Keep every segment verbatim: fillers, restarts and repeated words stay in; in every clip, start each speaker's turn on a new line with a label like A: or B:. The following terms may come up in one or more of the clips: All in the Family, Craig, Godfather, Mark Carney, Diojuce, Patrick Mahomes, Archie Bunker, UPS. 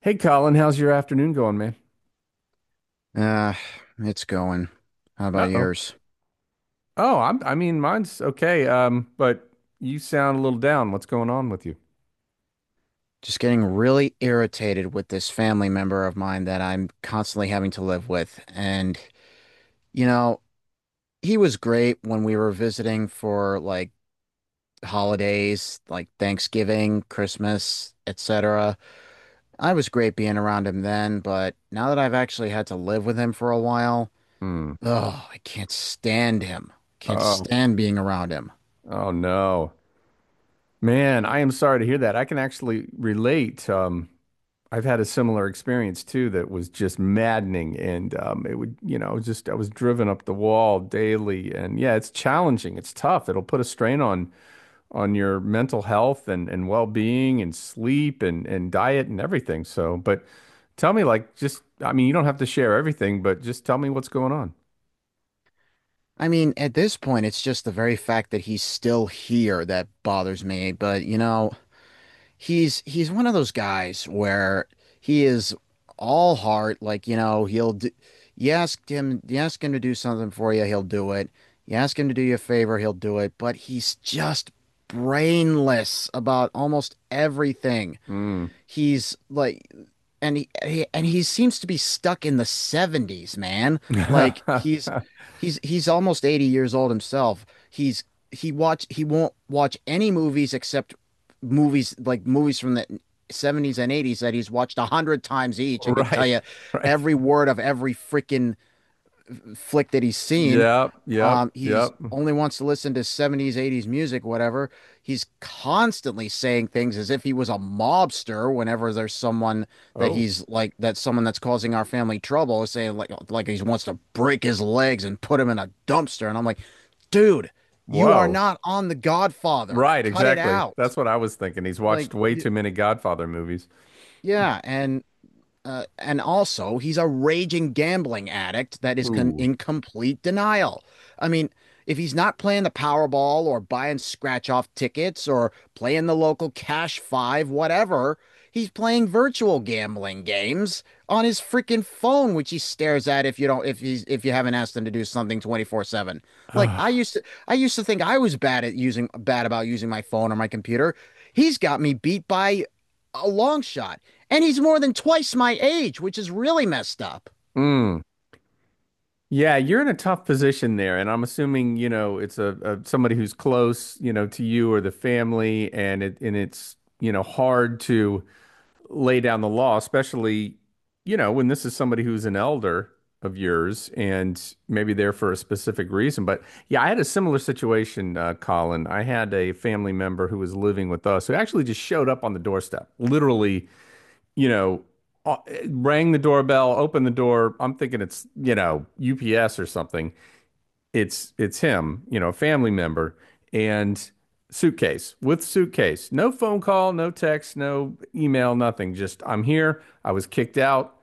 A: Hey Colin, how's your afternoon going, man?
B: Ah, it's going. How about
A: Uh-oh.
B: yours?
A: Oh, I'm, I mean, mine's okay. Um, but you sound a little down. What's going on with you?
B: Just getting really irritated with this family member of mine that I'm constantly having to live with. And, you know, he was great when we were visiting for like holidays, like Thanksgiving, Christmas, et cetera. I was great being around him then, but now that I've actually had to live with him for a while,
A: Hmm.
B: oh, I can't stand him. Can't
A: Oh,
B: stand being around him.
A: oh no. Man, I am sorry to hear that. I can actually relate. Um, I've had a similar experience too that was just maddening and um it would, you know, just I was driven up the wall daily and yeah, it's challenging. It's tough. It'll put a strain on on your mental health and, and well-being and sleep and, and diet and everything. So, but tell me like just I mean you don't have to share everything, but just tell me what's going
B: I mean, at this point, it's just the very fact that he's still here that bothers me. But you know, he's he's one of those guys where he is all heart. Like you know, he'll do, you ask him you ask him to do something for you, he'll do it. You ask him to do you a favor, he'll do it. But he's just brainless about almost everything.
A: on.
B: He's like, and he, he and he seems to be stuck in the seventies, man. Like
A: Mm.
B: he's he's he's almost eighty years old himself. He's he watch he won't watch any movies except movies like movies from the seventies and eighties that he's watched a hundred times each and can tell
A: Right.
B: you
A: Right.
B: every word of every freaking flick that he's seen.
A: Yep. Yep.
B: Um, he's
A: Yep.
B: only wants to listen to seventies, eighties music, whatever. He's constantly saying things as if he was a mobster whenever there's someone that
A: Oh,
B: he's like that's someone that's causing our family trouble, saying like like he wants to break his legs and put him in a dumpster. And I'm like, dude, you are
A: whoa.
B: not on The Godfather.
A: Right,
B: Cut it
A: exactly.
B: out.
A: That's what I was thinking. He's
B: Like,
A: watched way
B: y
A: too many Godfather movies.
B: yeah, and uh, and also, he's a raging gambling addict that is con
A: Ooh.
B: in complete denial. I mean, if he's not playing the Powerball or buying scratch off tickets or playing the local Cash Five, whatever, he's playing virtual gambling games on his freaking phone, which he stares at if you don't if he's if you haven't asked him to do something twenty-four seven. Like I
A: Ah.
B: used to I used to think I was bad at using bad about using my phone or my computer. He's got me beat by a long shot. And he's more than twice my age, which is really messed up.
A: Mm. Yeah, you're in a tough position there, and I'm assuming, you know, it's a, a somebody who's close, you know, to you or the family, and it and it's, you know, hard to lay down the law, especially, you know, when this is somebody who's an elder of yours and maybe there for a specific reason. But yeah, I had a similar situation, uh, Colin. I had a family member who was living with us who actually just showed up on the doorstep, literally you know, uh, rang the doorbell, opened the door. I'm thinking it's, you know, U P S or something. It's it's him, you know, a family member and suitcase with suitcase. No phone call, no text, no email, nothing. Just I'm here. I was kicked out.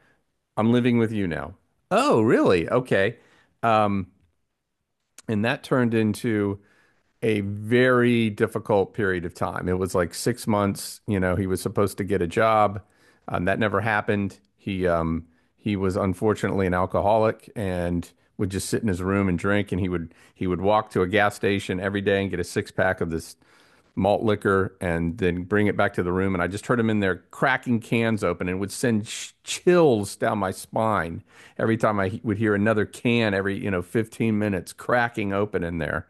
A: I'm living with you now. Oh, really? Okay. Um, and that turned into a very difficult period of time. It was like six months. You know, he was supposed to get a job. Um, that never happened. He um, he was unfortunately an alcoholic and would just sit in his room and drink. And he would he would walk to a gas station every day and get a six pack of this malt liquor and then bring it back to the room. And I just heard him in there cracking cans open and it would send sh- chills down my spine every time I would hear another can every you know fifteen minutes cracking open in there.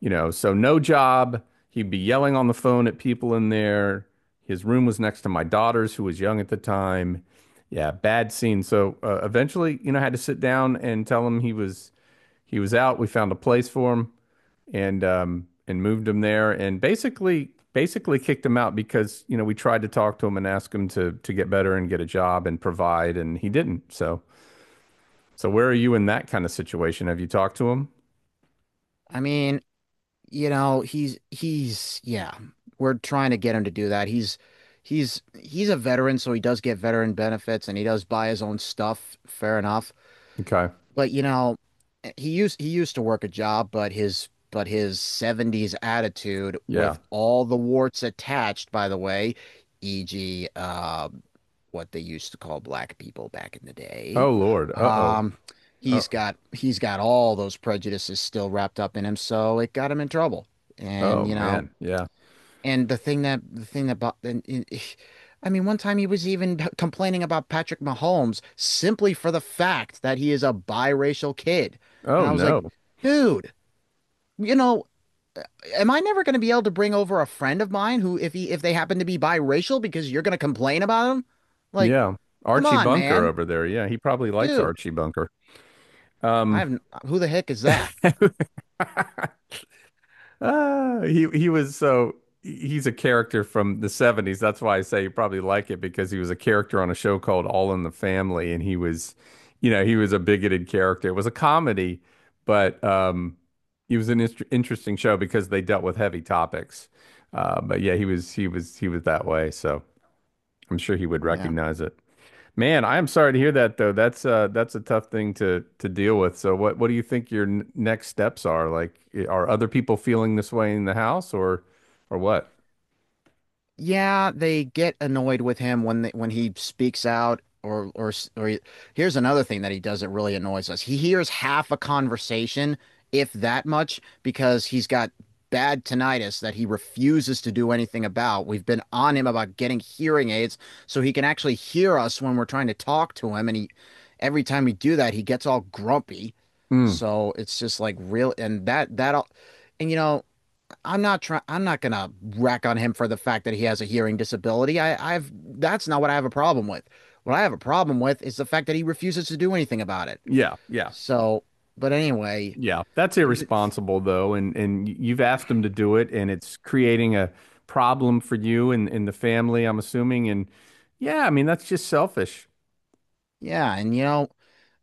A: You know, so no job. He'd be yelling on the phone at people in there. His room was next to my daughter's, who was young at the time. Yeah, bad scene. So uh, eventually, you know, I had to sit down and tell him he was he was out. We found a place for him and um and moved him there and basically basically kicked him out because, you know, we tried to talk to him and ask him to to get better and get a job and provide and he didn't. So so where are you in that kind of situation? Have you talked to him?
B: I mean, you know, he's he's Yeah, we're trying to get him to do that. He's he's he's a veteran, so he does get veteran benefits and he does buy his own stuff, fair enough.
A: Okay.
B: But you know, he used he used to work a job, but his but his seventies attitude
A: Yeah.
B: with all the warts attached, by the way, e g, uh, what they used to call black people back in the day.
A: Oh Lord. Uh-oh.
B: Um,
A: Uh,
B: he's got he's got all those prejudices still wrapped up in him, so it got him in trouble.
A: Oh
B: And you know,
A: man, yeah.
B: and the thing that the thing that bo- and, and- I mean, one time he was even complaining about Patrick Mahomes simply for the fact that he is a biracial kid. And
A: Oh
B: I was like,
A: no.
B: dude, you know, am I never going to be able to bring over a friend of mine who, if he if they happen to be biracial, because you're going to complain about him? Like,
A: Yeah.
B: come
A: Archie
B: on,
A: Bunker
B: man.
A: over there. Yeah, he probably likes
B: Dude,
A: Archie Bunker.
B: I
A: Um.
B: have who the heck is that?
A: Ah, he he was so he's a character from the seventies. That's why I say you probably like it because he was a character on a show called All in the Family and he was, you know, he was a bigoted character. It was a comedy, but um it was an inter interesting show because they dealt with heavy topics. Uh, but yeah, he was he was he was that way, so I'm sure he would
B: Yeah.
A: recognize it. Man, I am sorry to hear that though. That's uh that's a tough thing to to deal with. So what what do you think your n next steps are? Like i- are other people feeling this way in the house or or what?
B: Yeah, they get annoyed with him when they, when he speaks out or or or he- here's another thing that he does that really annoys us. He hears half a conversation, if that much, because he's got bad tinnitus that he refuses to do anything about. We've been on him about getting hearing aids so he can actually hear us when we're trying to talk to him and he every time we do that, he gets all grumpy.
A: Mm.
B: So it's just like real and that that all and you know I'm not trying. I'm not gonna rack on him for the fact that he has a hearing disability. I, I've That's not what I have a problem with. What I have a problem with is the fact that he refuses to do anything about it.
A: Yeah, yeah.
B: So, but anyway,
A: Yeah. That's
B: th-
A: irresponsible though and and y- you've asked them to do it and it's creating a problem for you and and the family, I'm assuming and yeah, I mean that's just selfish.
B: yeah, and you know,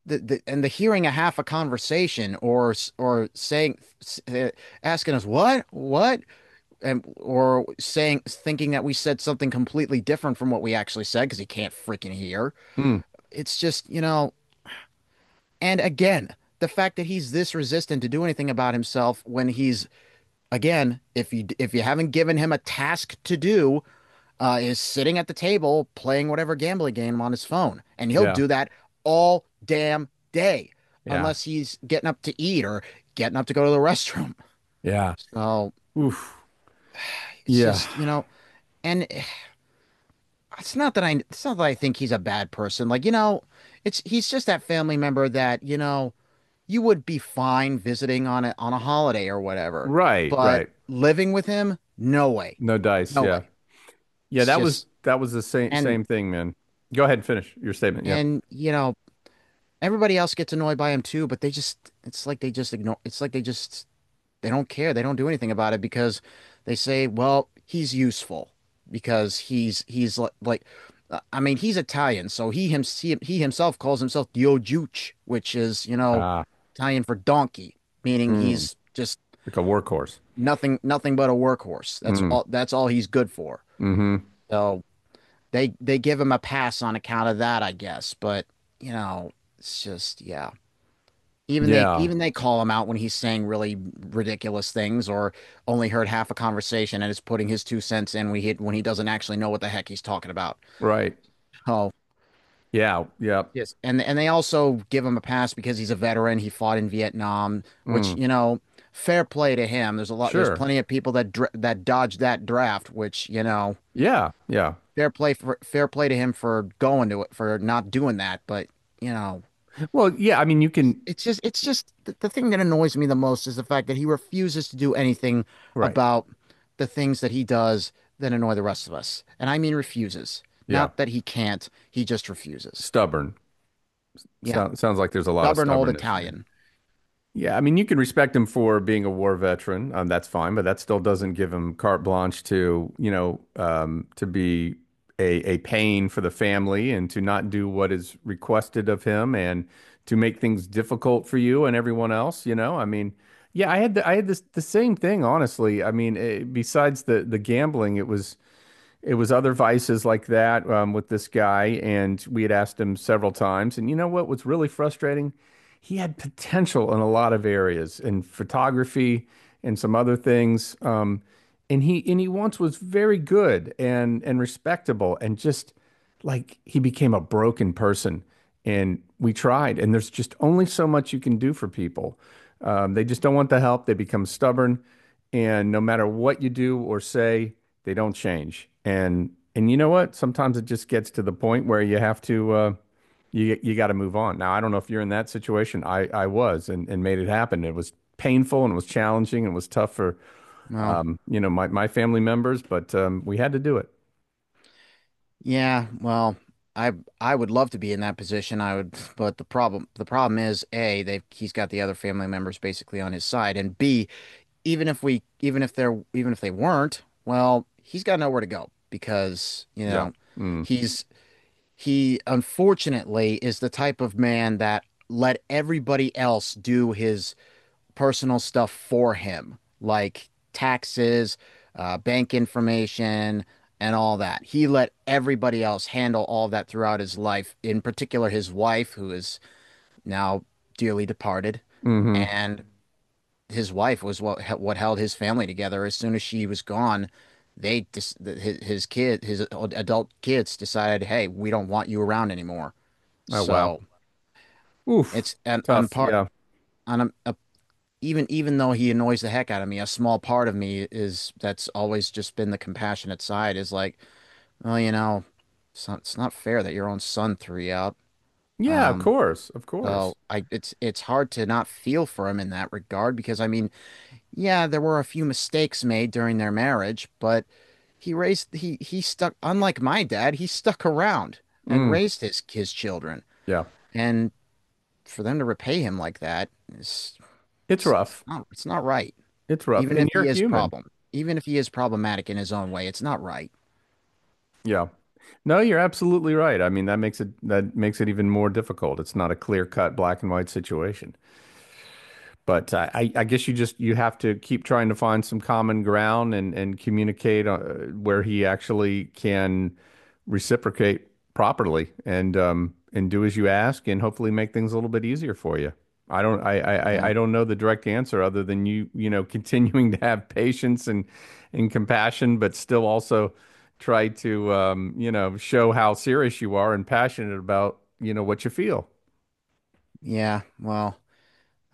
B: the, the and the hearing a half a conversation or s- or saying s- uh, asking us what what and or saying thinking that we said something completely different from what we actually said because he can't freaking hear.
A: Mm.
B: It's just, you know, and again, the fact that he's this resistant to do anything about himself when he's again, if you if you haven't given him a task to do, uh, is sitting at the table playing whatever gambling game on his phone, and he'll
A: Yeah.
B: do that all damn day
A: Yeah.
B: unless he's getting up to eat or getting up to go to the restroom.
A: Yeah.
B: So
A: Oof.
B: it's
A: Yeah.
B: just you know, and it's not that I it's not that I think he's a bad person. Like you know, it's he's just that family member that you know you would be fine visiting on a on a holiday or whatever,
A: Right,
B: but
A: right.
B: living with him, no way.
A: No dice,
B: No
A: yeah.
B: way.
A: Yeah,
B: It's
A: that was
B: just,
A: that was the same
B: and
A: same thing, man. Go ahead and finish your statement. Yep.
B: and you know, everybody else gets annoyed by him too, but they just it's like they just ignore it's like they just they don't care. They don't do anything about it because they say, "Well, he's useful because he's he's like, like uh, I mean, he's Italian, so he him he, he himself calls himself Diojuce, which is, you know,
A: Ah,
B: Italian for donkey, meaning
A: mm,
B: he's just
A: like a workhorse.
B: nothing nothing but a workhorse. That's
A: Mm,
B: all that's all he's good for.
A: mm-hmm.
B: So they they give him a pass on account of that, I guess. But you know, it's just yeah. Even they
A: Yeah.
B: even they call him out when he's saying really ridiculous things or only heard half a conversation and is putting his two cents in when he when he doesn't actually know what the heck he's talking about.
A: Right.
B: Oh,
A: Yeah. Yep.
B: and and they also give him a pass because he's a veteran. He fought in Vietnam, which
A: Mm,
B: you know, fair play to him. There's a lot. There's
A: sure.
B: plenty of people that dr- that dodged that draft, which you know,
A: Yeah. Yeah.
B: fair play for fair play to him for going to it for not doing that, but you know,
A: Well, yeah. I mean, you can.
B: it's just it's just the, the thing that annoys me the most is the fact that he refuses to do anything
A: Right.
B: about the things that he does that annoy the rest of us. And I mean refuses.
A: Yeah.
B: Not that he can't, he just refuses.
A: Stubborn.
B: Yeah.
A: Sounds. Sounds like there's a lot of
B: Stubborn old
A: stubbornness. Yeah.
B: Italian.
A: Yeah, I mean, you can respect him for being a war veteran. Um, that's fine, but that still doesn't give him carte blanche to, you know, um, to be a a pain for the family and to not do what is requested of him and to make things difficult for you and everyone else. You know, I mean, yeah, I had the, I had this the same thing, honestly. I mean, eh, besides the the gambling, it was it was other vices like that um, with this guy, and we had asked him several times. And you know what was really frustrating? He had potential in a lot of areas, in photography and some other things. Um, and he and he once was very good and and respectable, and just like he became a broken person and we tried and there's just only so much you can do for people um, they just don't want the help they become stubborn and no matter what you do or say they don't change and and you know what sometimes it just gets to the point where you have to uh, you you got to move on. Now I don't know if you're in that situation. i i was and and made it happen. It was painful and it was challenging and it was tough for
B: Well,
A: um you know my my family members but um we had to do it.
B: yeah, well, I I would love to be in that position. I would, but the problem the problem is A, they've he's got the other family members basically on his side, and B, even if we even if they're even if they weren't, well, he's got nowhere to go because, you
A: Yeah.
B: know,
A: Mm.
B: he's he unfortunately is the type of man that let everybody else do his personal stuff for him, like taxes, uh, bank information, and all that. He let everybody else handle all that throughout his life, in particular his wife, who is now dearly departed,
A: Hmm.
B: and his wife was what what held his family together. As soon as she was gone, they dis his his kid his adult kids decided, hey, we don't want you around anymore.
A: Oh wow.
B: So
A: Oof,
B: it's an on
A: tough.
B: part
A: Yeah.
B: on a, a even even though he annoys the heck out of me, a small part of me is that's always just been the compassionate side is like, well, you know, it's not, it's not fair that your own son threw you out.
A: Yeah, of
B: Um,
A: course. Of course.
B: so I it's it's hard to not feel for him in that regard because I mean yeah, there were a few mistakes made during their marriage, but he raised he he stuck unlike my dad, he stuck around and
A: Mm,
B: raised his his children.
A: yeah.
B: And for them to repay him like that is
A: It's
B: it's, it's
A: rough.
B: not it's not right.
A: It's rough.
B: Even if
A: And
B: he
A: you're
B: is
A: human.
B: problem, even if he is problematic in his own way, it's not right.
A: Yeah. No, you're absolutely right. I mean, that makes it that makes it even more difficult. It's not a clear-cut black and white situation. But I, I I guess you just you have to keep trying to find some common ground and and communicate uh, where he actually can reciprocate properly and um and do as you ask and hopefully make things a little bit easier for you. I don't I I I-
B: Yeah.
A: I don't know the direct answer other than you you know continuing to have patience and and compassion, but still also try to um you know show how serious you are and passionate about you know what you feel.
B: Yeah. Well,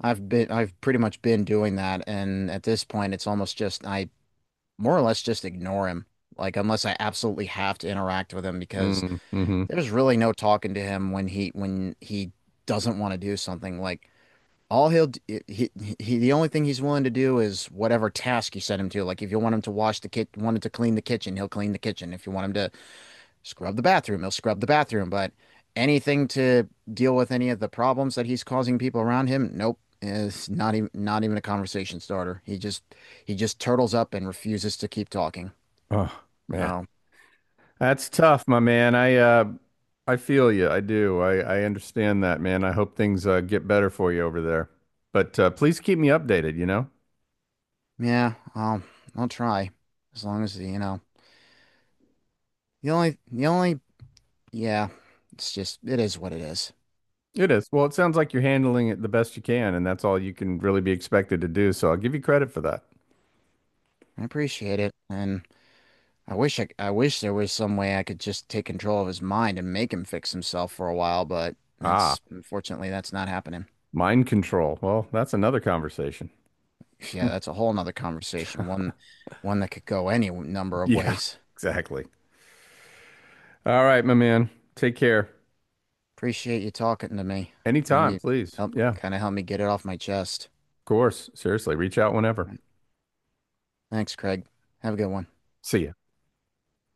B: I've been I've pretty much been doing that and at this point it's almost just I more or less just ignore him. Like unless I absolutely have to interact with him because
A: Mm, hmm.
B: there's really no talking to him when he when he doesn't want to do something. Like all he'll d- he, he the only thing he's willing to do is whatever task you set him to. Like if you want him to wash the kit, wanted to clean the kitchen, he'll clean the kitchen. If you want him to scrub the bathroom, he'll scrub the bathroom. But anything to deal with any of the problems that he's causing people around him, nope. Is not even not even a conversation starter. He just he just turtles up and refuses to keep talking.
A: Oh man.
B: Oh
A: That's tough, my man. I uh I feel you. I do. I I understand that, man. I hope things uh, get better for you over there. But uh, please keep me updated, you know?
B: yeah, I'll I'll try as long as you know. The only, the only, yeah, it's just, it is what it is.
A: It is. Well, it sounds like you're handling it the best you can, and that's all you can really be expected to do. So I'll give you credit for that.
B: I appreciate it, and I wish I, I wish there was some way I could just take control of his mind and make him fix himself for a while, but
A: Ah,
B: that's, unfortunately, that's not happening.
A: mind control. Well, that's another conversation.
B: Yeah, that's a whole nother conversation, one, one that could go any number of
A: Yeah,
B: ways.
A: exactly. All right, my man. Take care.
B: Appreciate you talking to me.
A: Anytime,
B: Maybe
A: please.
B: help,
A: Yeah, of
B: kind of help me get it off my chest.
A: course. Seriously, reach out whenever.
B: Thanks, Craig. Have a good one.
A: See ya.